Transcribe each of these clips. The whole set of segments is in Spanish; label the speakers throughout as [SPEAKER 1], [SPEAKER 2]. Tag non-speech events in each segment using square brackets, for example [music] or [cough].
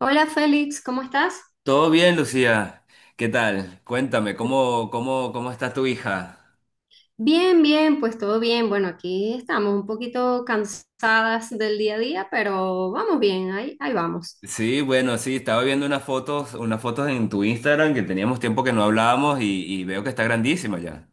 [SPEAKER 1] Hola Félix, ¿cómo estás?
[SPEAKER 2] Todo bien, Lucía. ¿Qué tal? Cuéntame, ¿cómo está tu hija?
[SPEAKER 1] Bien, bien, pues todo bien. Bueno, aquí estamos un poquito cansadas del día a día, pero vamos bien, ahí vamos.
[SPEAKER 2] Sí, bueno, sí, estaba viendo unas fotos en tu Instagram que teníamos tiempo que no hablábamos y veo que está grandísima ya.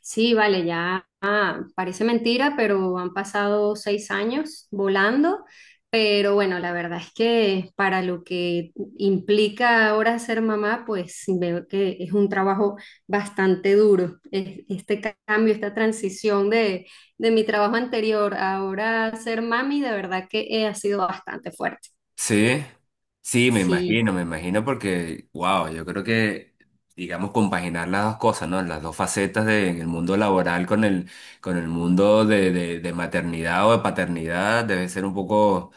[SPEAKER 1] Sí, vale, ya, parece mentira, pero han pasado 6 años volando. Pero bueno, la verdad es que para lo que implica ahora ser mamá, pues veo que es un trabajo bastante duro. Este cambio, esta transición de mi trabajo anterior a ahora ser mami, de verdad que ha sido bastante fuerte.
[SPEAKER 2] Sí, sí,
[SPEAKER 1] Sí.
[SPEAKER 2] me imagino porque, wow, yo creo que, digamos, compaginar las dos cosas, ¿no? Las dos facetas de, en el mundo laboral con el mundo de maternidad o de paternidad debe ser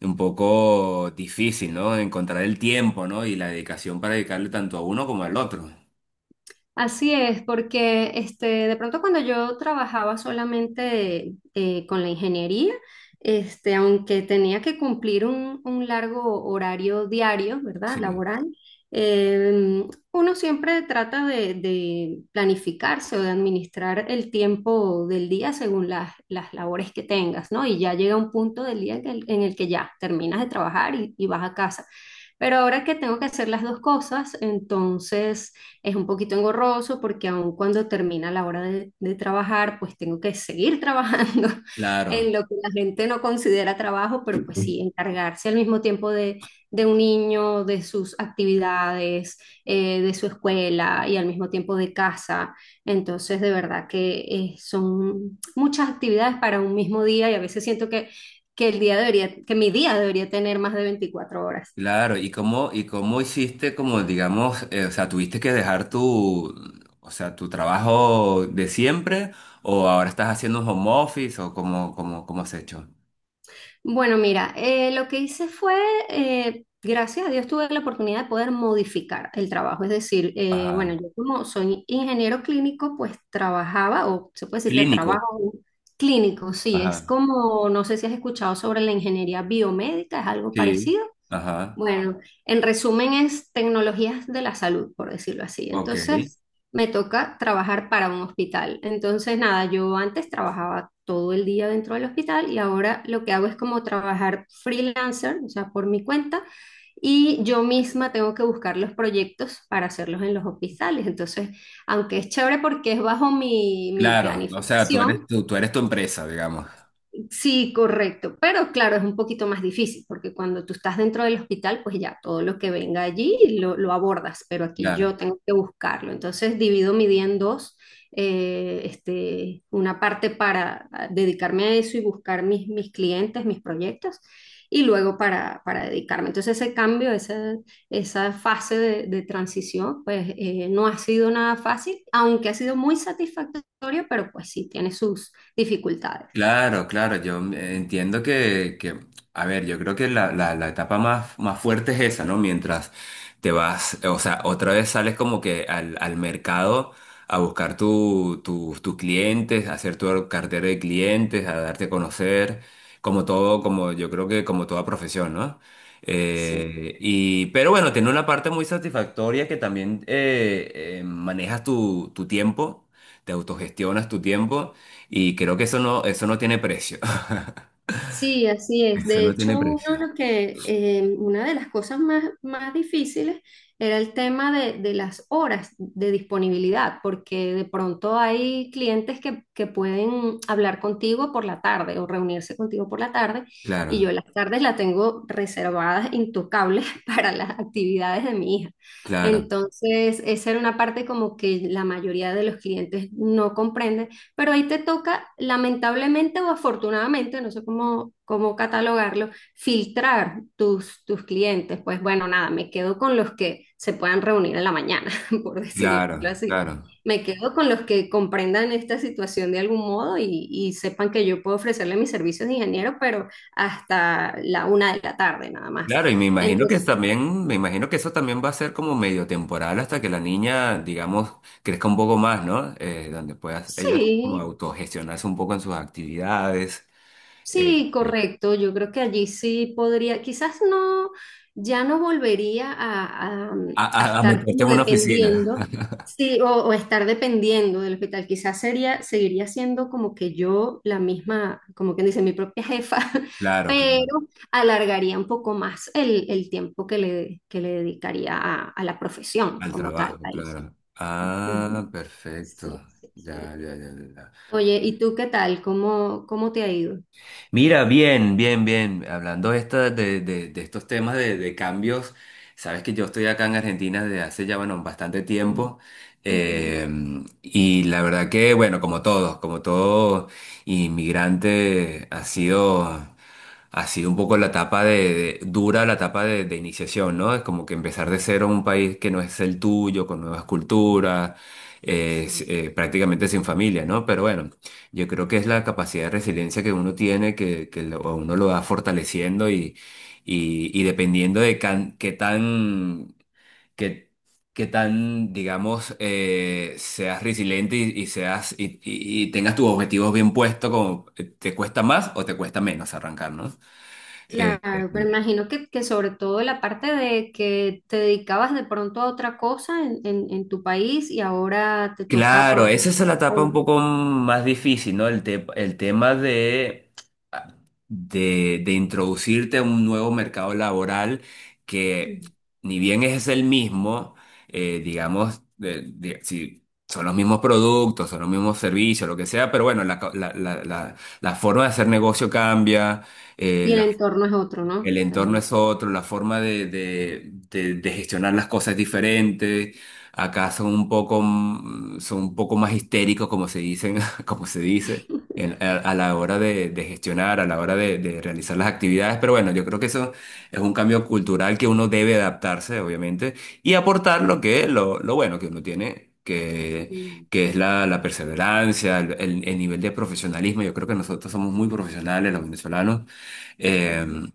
[SPEAKER 2] un poco difícil, ¿no? Encontrar el tiempo, ¿no? Y la dedicación para dedicarle tanto a uno como al otro.
[SPEAKER 1] Así es, porque de pronto cuando yo trabajaba solamente con la ingeniería, aunque tenía que cumplir un largo horario diario, ¿verdad?
[SPEAKER 2] Sí.
[SPEAKER 1] Laboral, eh, uno siempre trata de planificarse o de administrar el tiempo del día según las labores que tengas, ¿no? Y ya llega un punto del día en el que ya terminas de trabajar y vas a casa. Pero ahora que tengo que hacer las dos cosas, entonces es un poquito engorroso porque aun cuando termina la hora de trabajar, pues tengo que seguir trabajando [laughs] en
[SPEAKER 2] Claro,
[SPEAKER 1] lo que la gente no considera trabajo, pero pues sí, encargarse al mismo tiempo de un niño, de sus actividades, de su escuela y al mismo tiempo de casa. Entonces, de verdad que son muchas actividades para un mismo día y a veces siento que el día debería, que mi día debería tener más de 24 horas.
[SPEAKER 2] claro. ¿Y cómo hiciste, como digamos, o sea, tuviste que dejar tu, o sea, tu trabajo de siempre o ahora estás haciendo un home office o cómo has hecho?
[SPEAKER 1] Bueno, mira, lo que hice fue, gracias a Dios tuve la oportunidad de poder modificar el trabajo. Es decir, bueno,
[SPEAKER 2] Ajá.
[SPEAKER 1] yo como soy ingeniero clínico, pues trabajaba, o se puede decir que
[SPEAKER 2] Clínico.
[SPEAKER 1] trabajo clínico, sí, es
[SPEAKER 2] Ajá.
[SPEAKER 1] como, no sé si has escuchado sobre la ingeniería biomédica, es algo
[SPEAKER 2] Sí.
[SPEAKER 1] parecido.
[SPEAKER 2] Ajá.
[SPEAKER 1] Bueno, en resumen es tecnologías de la salud, por decirlo así.
[SPEAKER 2] Ok.
[SPEAKER 1] Entonces, me toca trabajar para un hospital. Entonces, nada, yo antes trabajaba todo el día dentro del hospital y ahora lo que hago es como trabajar freelancer, o sea, por mi cuenta, y yo misma tengo que buscar los proyectos para hacerlos en los hospitales. Entonces, aunque es chévere porque es bajo mi
[SPEAKER 2] Claro. O sea, tú eres,
[SPEAKER 1] planificación,
[SPEAKER 2] tú eres tu empresa, digamos.
[SPEAKER 1] sí, correcto, pero claro, es un poquito más difícil porque cuando tú estás dentro del hospital, pues ya todo lo que venga allí lo abordas, pero aquí
[SPEAKER 2] Claro.
[SPEAKER 1] yo tengo que buscarlo. Entonces divido mi día en dos, una parte para dedicarme a eso y buscar mis clientes, mis proyectos, y luego para dedicarme. Entonces ese cambio, esa fase de transición, pues no ha sido nada fácil, aunque ha sido muy satisfactorio, pero pues sí, tiene sus dificultades.
[SPEAKER 2] Claro, claro, yo entiendo que, a ver, yo creo que la, la etapa más, más fuerte es esa, ¿no? Mientras te vas, o sea, otra vez sales como que al, al mercado a buscar tu, tus clientes, a hacer tu cartera de clientes, a darte a conocer, como todo, como yo creo que como toda profesión, ¿no?
[SPEAKER 1] Sí.
[SPEAKER 2] Pero bueno, tiene una parte muy satisfactoria que también manejas tu, tu tiempo, te autogestionas tu tiempo. Y creo que eso no tiene precio. [laughs]
[SPEAKER 1] Sí, así es.
[SPEAKER 2] Eso
[SPEAKER 1] De
[SPEAKER 2] no tiene
[SPEAKER 1] hecho, uno
[SPEAKER 2] precio.
[SPEAKER 1] una de las cosas más difíciles era el tema de las horas de disponibilidad, porque de pronto hay clientes que pueden hablar contigo por la tarde o reunirse contigo por la tarde, y yo
[SPEAKER 2] Claro,
[SPEAKER 1] las tardes las tengo reservadas, intocables [laughs] para las actividades de mi hija.
[SPEAKER 2] claro,
[SPEAKER 1] Entonces, esa era una parte como que la mayoría de los clientes no comprenden, pero ahí te toca, lamentablemente o afortunadamente, no sé cómo catalogarlo, filtrar tus clientes. Pues bueno, nada, me quedo con los que se puedan reunir en la mañana, [laughs] por decirlo
[SPEAKER 2] claro,
[SPEAKER 1] así.
[SPEAKER 2] claro.
[SPEAKER 1] Me quedo con los que comprendan esta situación de algún modo y sepan que yo puedo ofrecerle mis servicios de ingeniero, pero hasta la una de la tarde nada más.
[SPEAKER 2] Claro, y me imagino que
[SPEAKER 1] Entonces,
[SPEAKER 2] también, me imagino que eso también va a ser como medio temporal hasta que la niña, digamos, crezca un poco más, ¿no? Donde pueda ella como
[SPEAKER 1] sí,
[SPEAKER 2] autogestionarse un poco en sus actividades, eh,
[SPEAKER 1] sí,
[SPEAKER 2] eh,
[SPEAKER 1] correcto. Yo creo que allí sí podría, quizás no, ya no volvería a, a- mm,
[SPEAKER 2] a,
[SPEAKER 1] a
[SPEAKER 2] a
[SPEAKER 1] estar
[SPEAKER 2] meterte
[SPEAKER 1] como
[SPEAKER 2] en una oficina.
[SPEAKER 1] dependiendo,
[SPEAKER 2] [laughs]
[SPEAKER 1] sí, o estar dependiendo del hospital. Quizás sería, seguiría siendo como que yo la misma, como quien dice, mi propia jefa, [laughs]
[SPEAKER 2] Claro, claro,
[SPEAKER 1] pero alargaría un poco más el tiempo que le dedicaría a la profesión
[SPEAKER 2] al
[SPEAKER 1] como tal.
[SPEAKER 2] trabajo,
[SPEAKER 1] Ahí sí.
[SPEAKER 2] claro. Ah,
[SPEAKER 1] Ujú. Sí,
[SPEAKER 2] perfecto.
[SPEAKER 1] sí, sí.
[SPEAKER 2] Ya, ya, ya, ya. Ya.
[SPEAKER 1] Oye, ¿y tú qué tal? ¿Cómo te ha ido?
[SPEAKER 2] Mira, bien, bien, bien. Hablando esta de, de estos temas de cambios, sabes que yo estoy acá en Argentina desde hace ya, bueno, bastante tiempo.
[SPEAKER 1] Ujú.
[SPEAKER 2] eh, y la verdad que, bueno, como todos, como todo inmigrante, ha sido un poco la etapa de, dura, la etapa de iniciación, ¿no? Es como que empezar de cero en un país que no es el tuyo, con nuevas culturas,
[SPEAKER 1] Sí,
[SPEAKER 2] prácticamente sin familia, ¿no? Pero bueno, yo creo que es la capacidad de resiliencia que uno tiene, que uno lo va fortaleciendo y dependiendo qué tan... qué- qué tan, digamos, seas resiliente y tengas tus objetivos bien puestos, como te cuesta más o te cuesta menos arrancar, ¿no? Eh,
[SPEAKER 1] claro, pero
[SPEAKER 2] eh,
[SPEAKER 1] imagino que sobre todo la parte de que te dedicabas de pronto a otra cosa en, en tu país y ahora te toca
[SPEAKER 2] claro,
[SPEAKER 1] probar.
[SPEAKER 2] esa es la etapa un
[SPEAKER 1] o-
[SPEAKER 2] poco más difícil, ¿no? El, el tema de, ah, de introducirte a un nuevo mercado laboral que, ni bien es el mismo, digamos, si son los mismos productos, son los mismos servicios, lo que sea, pero bueno, la, la, la forma de hacer negocio cambia.
[SPEAKER 1] Y el entorno es otro, ¿no?
[SPEAKER 2] El entorno
[SPEAKER 1] También.
[SPEAKER 2] es otro, la forma de, de gestionar las cosas es diferente. Acá son un poco, son un poco más histéricos, como se dicen, [laughs] como se dice,
[SPEAKER 1] [laughs]
[SPEAKER 2] a la hora de gestionar, a la hora de realizar las actividades. Pero bueno, yo creo que eso es un cambio cultural que uno debe adaptarse, obviamente, y aportar lo que, lo bueno que uno tiene,
[SPEAKER 1] Mm,
[SPEAKER 2] que es la, la perseverancia, el nivel de profesionalismo. Yo creo que nosotros somos muy profesionales, los venezolanos.
[SPEAKER 1] ujú.
[SPEAKER 2] Em,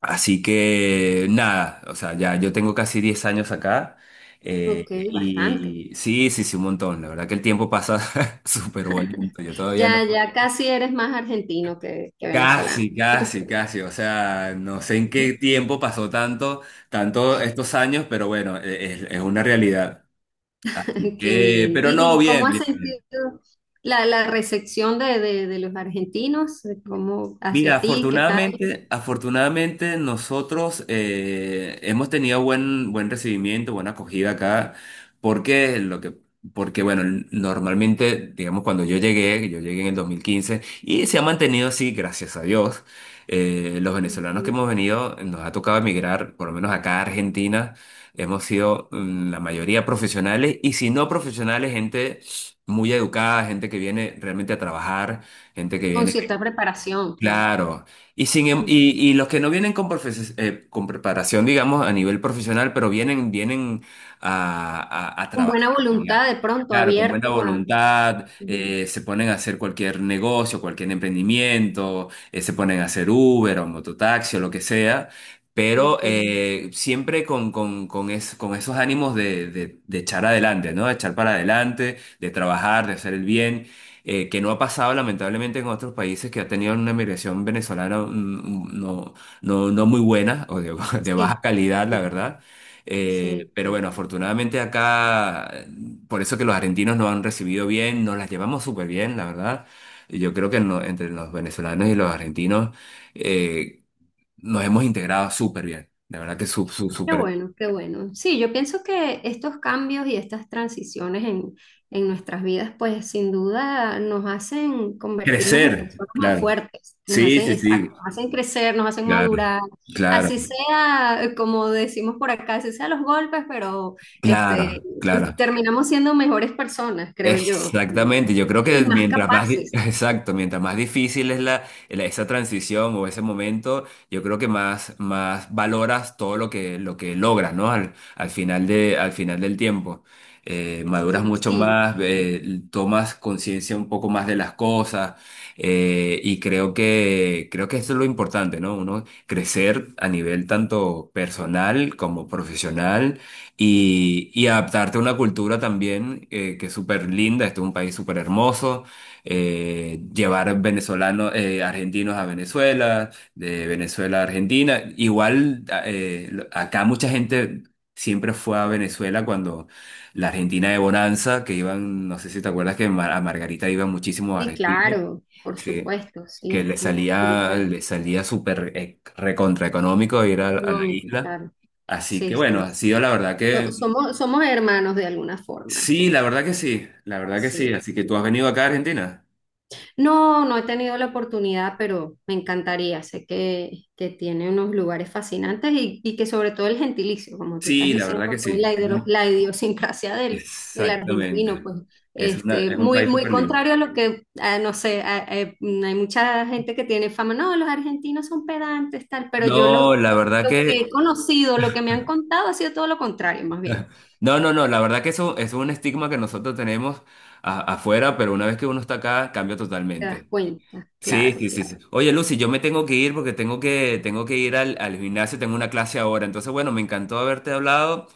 [SPEAKER 2] Así que nada, o sea, ya yo tengo casi 10 años acá
[SPEAKER 1] Ok, bastante.
[SPEAKER 2] y sí, sí, sí, un montón. La verdad que el tiempo pasa [laughs] súper bonito. Yo todavía
[SPEAKER 1] Ya,
[SPEAKER 2] no.
[SPEAKER 1] ya casi eres más argentino que venezolano.
[SPEAKER 2] Casi, casi, casi. O sea, no sé en qué
[SPEAKER 1] [laughs]
[SPEAKER 2] tiempo pasó tanto, tanto estos años, pero bueno, es una realidad. Así
[SPEAKER 1] Qué
[SPEAKER 2] que,
[SPEAKER 1] bien.
[SPEAKER 2] pero
[SPEAKER 1] ¿Y,
[SPEAKER 2] no,
[SPEAKER 1] y cómo
[SPEAKER 2] bien,
[SPEAKER 1] has
[SPEAKER 2] bien.
[SPEAKER 1] sentido la recepción de los argentinos? ¿Cómo
[SPEAKER 2] Mira,
[SPEAKER 1] hacia ti? ¿Qué tal?
[SPEAKER 2] afortunadamente, afortunadamente nosotros hemos tenido buen, buen recibimiento, buena acogida acá, porque lo que, porque bueno, normalmente, digamos, cuando yo llegué en el 2015, y se ha mantenido así, gracias a Dios. Los venezolanos que
[SPEAKER 1] Ujú.
[SPEAKER 2] hemos venido, nos ha tocado emigrar, por lo menos acá a Argentina, hemos sido la mayoría profesionales y si no profesionales, gente muy educada, gente que viene realmente a trabajar, gente que
[SPEAKER 1] Con
[SPEAKER 2] viene.
[SPEAKER 1] cierta preparación, claro.
[SPEAKER 2] Claro, y, sin, em-
[SPEAKER 1] Ujú.
[SPEAKER 2] y los que no vienen con, con preparación, digamos, a nivel profesional, pero vienen, vienen a, a
[SPEAKER 1] Con
[SPEAKER 2] trabajar,
[SPEAKER 1] buena voluntad,
[SPEAKER 2] digamos.
[SPEAKER 1] de pronto,
[SPEAKER 2] Claro, con buena
[SPEAKER 1] abierto a.
[SPEAKER 2] voluntad,
[SPEAKER 1] Ujú,
[SPEAKER 2] se ponen a hacer cualquier negocio, cualquier emprendimiento, se ponen a hacer Uber o mototaxi o lo que sea, pero
[SPEAKER 1] ok,
[SPEAKER 2] siempre con, con esos ánimos de, de echar adelante, ¿no? De echar para adelante, de trabajar, de hacer el bien. Que no ha pasado lamentablemente en otros países que ha tenido una migración venezolana, no, no, no muy buena o de, [laughs] de baja
[SPEAKER 1] sí,
[SPEAKER 2] calidad, la
[SPEAKER 1] sí,
[SPEAKER 2] verdad.
[SPEAKER 1] sí,
[SPEAKER 2] Pero
[SPEAKER 1] sí.
[SPEAKER 2] bueno,
[SPEAKER 1] Sí.
[SPEAKER 2] afortunadamente acá, por eso que los argentinos nos han recibido bien, nos las llevamos súper bien, la verdad. Y yo creo que entre los venezolanos y los argentinos eh, nos hemos integrado súper bien. La verdad que su,
[SPEAKER 1] Qué
[SPEAKER 2] súper...
[SPEAKER 1] bueno, qué bueno. Sí, yo pienso que estos cambios y estas transiciones en, nuestras vidas, pues sin duda nos hacen convertirnos en
[SPEAKER 2] Crecer,
[SPEAKER 1] personas más
[SPEAKER 2] claro.
[SPEAKER 1] fuertes, nos
[SPEAKER 2] Sí,
[SPEAKER 1] hacen,
[SPEAKER 2] sí,
[SPEAKER 1] exacto,
[SPEAKER 2] sí,
[SPEAKER 1] nos hacen crecer, nos hacen
[SPEAKER 2] claro,
[SPEAKER 1] madurar,
[SPEAKER 2] claro.
[SPEAKER 1] así sea, como decimos por acá, así sea los golpes, pero este,
[SPEAKER 2] Claro,
[SPEAKER 1] y
[SPEAKER 2] claro.
[SPEAKER 1] terminamos siendo mejores personas, creo yo,
[SPEAKER 2] Exactamente, yo creo
[SPEAKER 1] y,
[SPEAKER 2] que
[SPEAKER 1] y más
[SPEAKER 2] mientras más, [laughs]
[SPEAKER 1] capaces.
[SPEAKER 2] exacto, mientras más difícil es la, esa transición o ese momento, yo creo que más, más valoras todo lo que logras, ¿no? Al, al final de, al final del tiempo. Maduras
[SPEAKER 1] Sí,
[SPEAKER 2] mucho
[SPEAKER 1] sí,
[SPEAKER 2] más, tomas conciencia un poco más de las cosas, y creo que eso es lo importante, ¿no? Uno crecer a nivel tanto personal como profesional y adaptarte a una cultura también que es súper linda, este es un país súper hermoso, llevar venezolanos, argentinos a Venezuela, de Venezuela a Argentina, igual acá mucha gente siempre fue a Venezuela cuando la Argentina de Bonanza, que iban, no sé si te acuerdas que a Margarita iban muchísimos
[SPEAKER 1] sí,
[SPEAKER 2] argentinos,
[SPEAKER 1] claro, por
[SPEAKER 2] sí,
[SPEAKER 1] supuesto,
[SPEAKER 2] que
[SPEAKER 1] sí, mucho económico,
[SPEAKER 2] le salía súper recontra económico ir a la isla.
[SPEAKER 1] claro.
[SPEAKER 2] Así que
[SPEAKER 1] Sí,
[SPEAKER 2] bueno,
[SPEAKER 1] sí.
[SPEAKER 2] ha
[SPEAKER 1] Sí.
[SPEAKER 2] sido la verdad
[SPEAKER 1] So-
[SPEAKER 2] que
[SPEAKER 1] Somos, somos hermanos de alguna forma.
[SPEAKER 2] sí, la verdad que sí, la verdad que sí.
[SPEAKER 1] Sí.
[SPEAKER 2] Así que tú has venido acá a Argentina.
[SPEAKER 1] No, no he tenido la oportunidad, pero me encantaría. Sé que tiene unos lugares fascinantes y que sobre todo el gentilicio, como tú estás
[SPEAKER 2] Sí, la
[SPEAKER 1] diciendo,
[SPEAKER 2] verdad que
[SPEAKER 1] pues,
[SPEAKER 2] sí.
[SPEAKER 1] la, hidro-
[SPEAKER 2] ¿No?
[SPEAKER 1] la idiosincrasia del
[SPEAKER 2] Exactamente.
[SPEAKER 1] argentino, pues
[SPEAKER 2] Es una, es un
[SPEAKER 1] muy,
[SPEAKER 2] país
[SPEAKER 1] muy
[SPEAKER 2] súper libre.
[SPEAKER 1] contrario a lo que, no sé, hay mucha gente que tiene fama, no, los argentinos son pedantes, tal, pero yo lo,
[SPEAKER 2] No, la verdad
[SPEAKER 1] lo que he
[SPEAKER 2] que,
[SPEAKER 1] conocido, lo que me han contado ha sido todo lo contrario, más bien.
[SPEAKER 2] no, no, no, la verdad que eso es un estigma que nosotros tenemos afuera, pero una vez que uno está acá, cambia
[SPEAKER 1] Te das
[SPEAKER 2] totalmente.
[SPEAKER 1] cuenta,
[SPEAKER 2] Sí,
[SPEAKER 1] claro,
[SPEAKER 2] sí, sí, sí.
[SPEAKER 1] claro.
[SPEAKER 2] Oye, Lucy, yo me tengo que ir porque tengo que ir al, al gimnasio, tengo una clase ahora. Entonces, bueno, me encantó haberte hablado.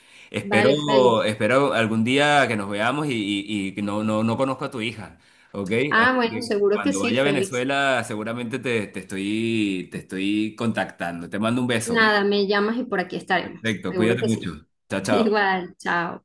[SPEAKER 1] Vale,
[SPEAKER 2] Espero,
[SPEAKER 1] Félix.
[SPEAKER 2] espero algún día que nos veamos y que no, no, no conozco a tu hija, ¿ok?
[SPEAKER 1] Ah,
[SPEAKER 2] Así
[SPEAKER 1] bueno,
[SPEAKER 2] que
[SPEAKER 1] seguro que
[SPEAKER 2] cuando
[SPEAKER 1] sí,
[SPEAKER 2] vaya a
[SPEAKER 1] Félix.
[SPEAKER 2] Venezuela, seguramente te, te estoy contactando. Te mando un beso, ¿ok?
[SPEAKER 1] Nada, me llamas y por aquí estaremos.
[SPEAKER 2] Perfecto,
[SPEAKER 1] Seguro
[SPEAKER 2] cuídate
[SPEAKER 1] que sí.
[SPEAKER 2] mucho. Chao,
[SPEAKER 1] [laughs]
[SPEAKER 2] chao.
[SPEAKER 1] Igual, chao.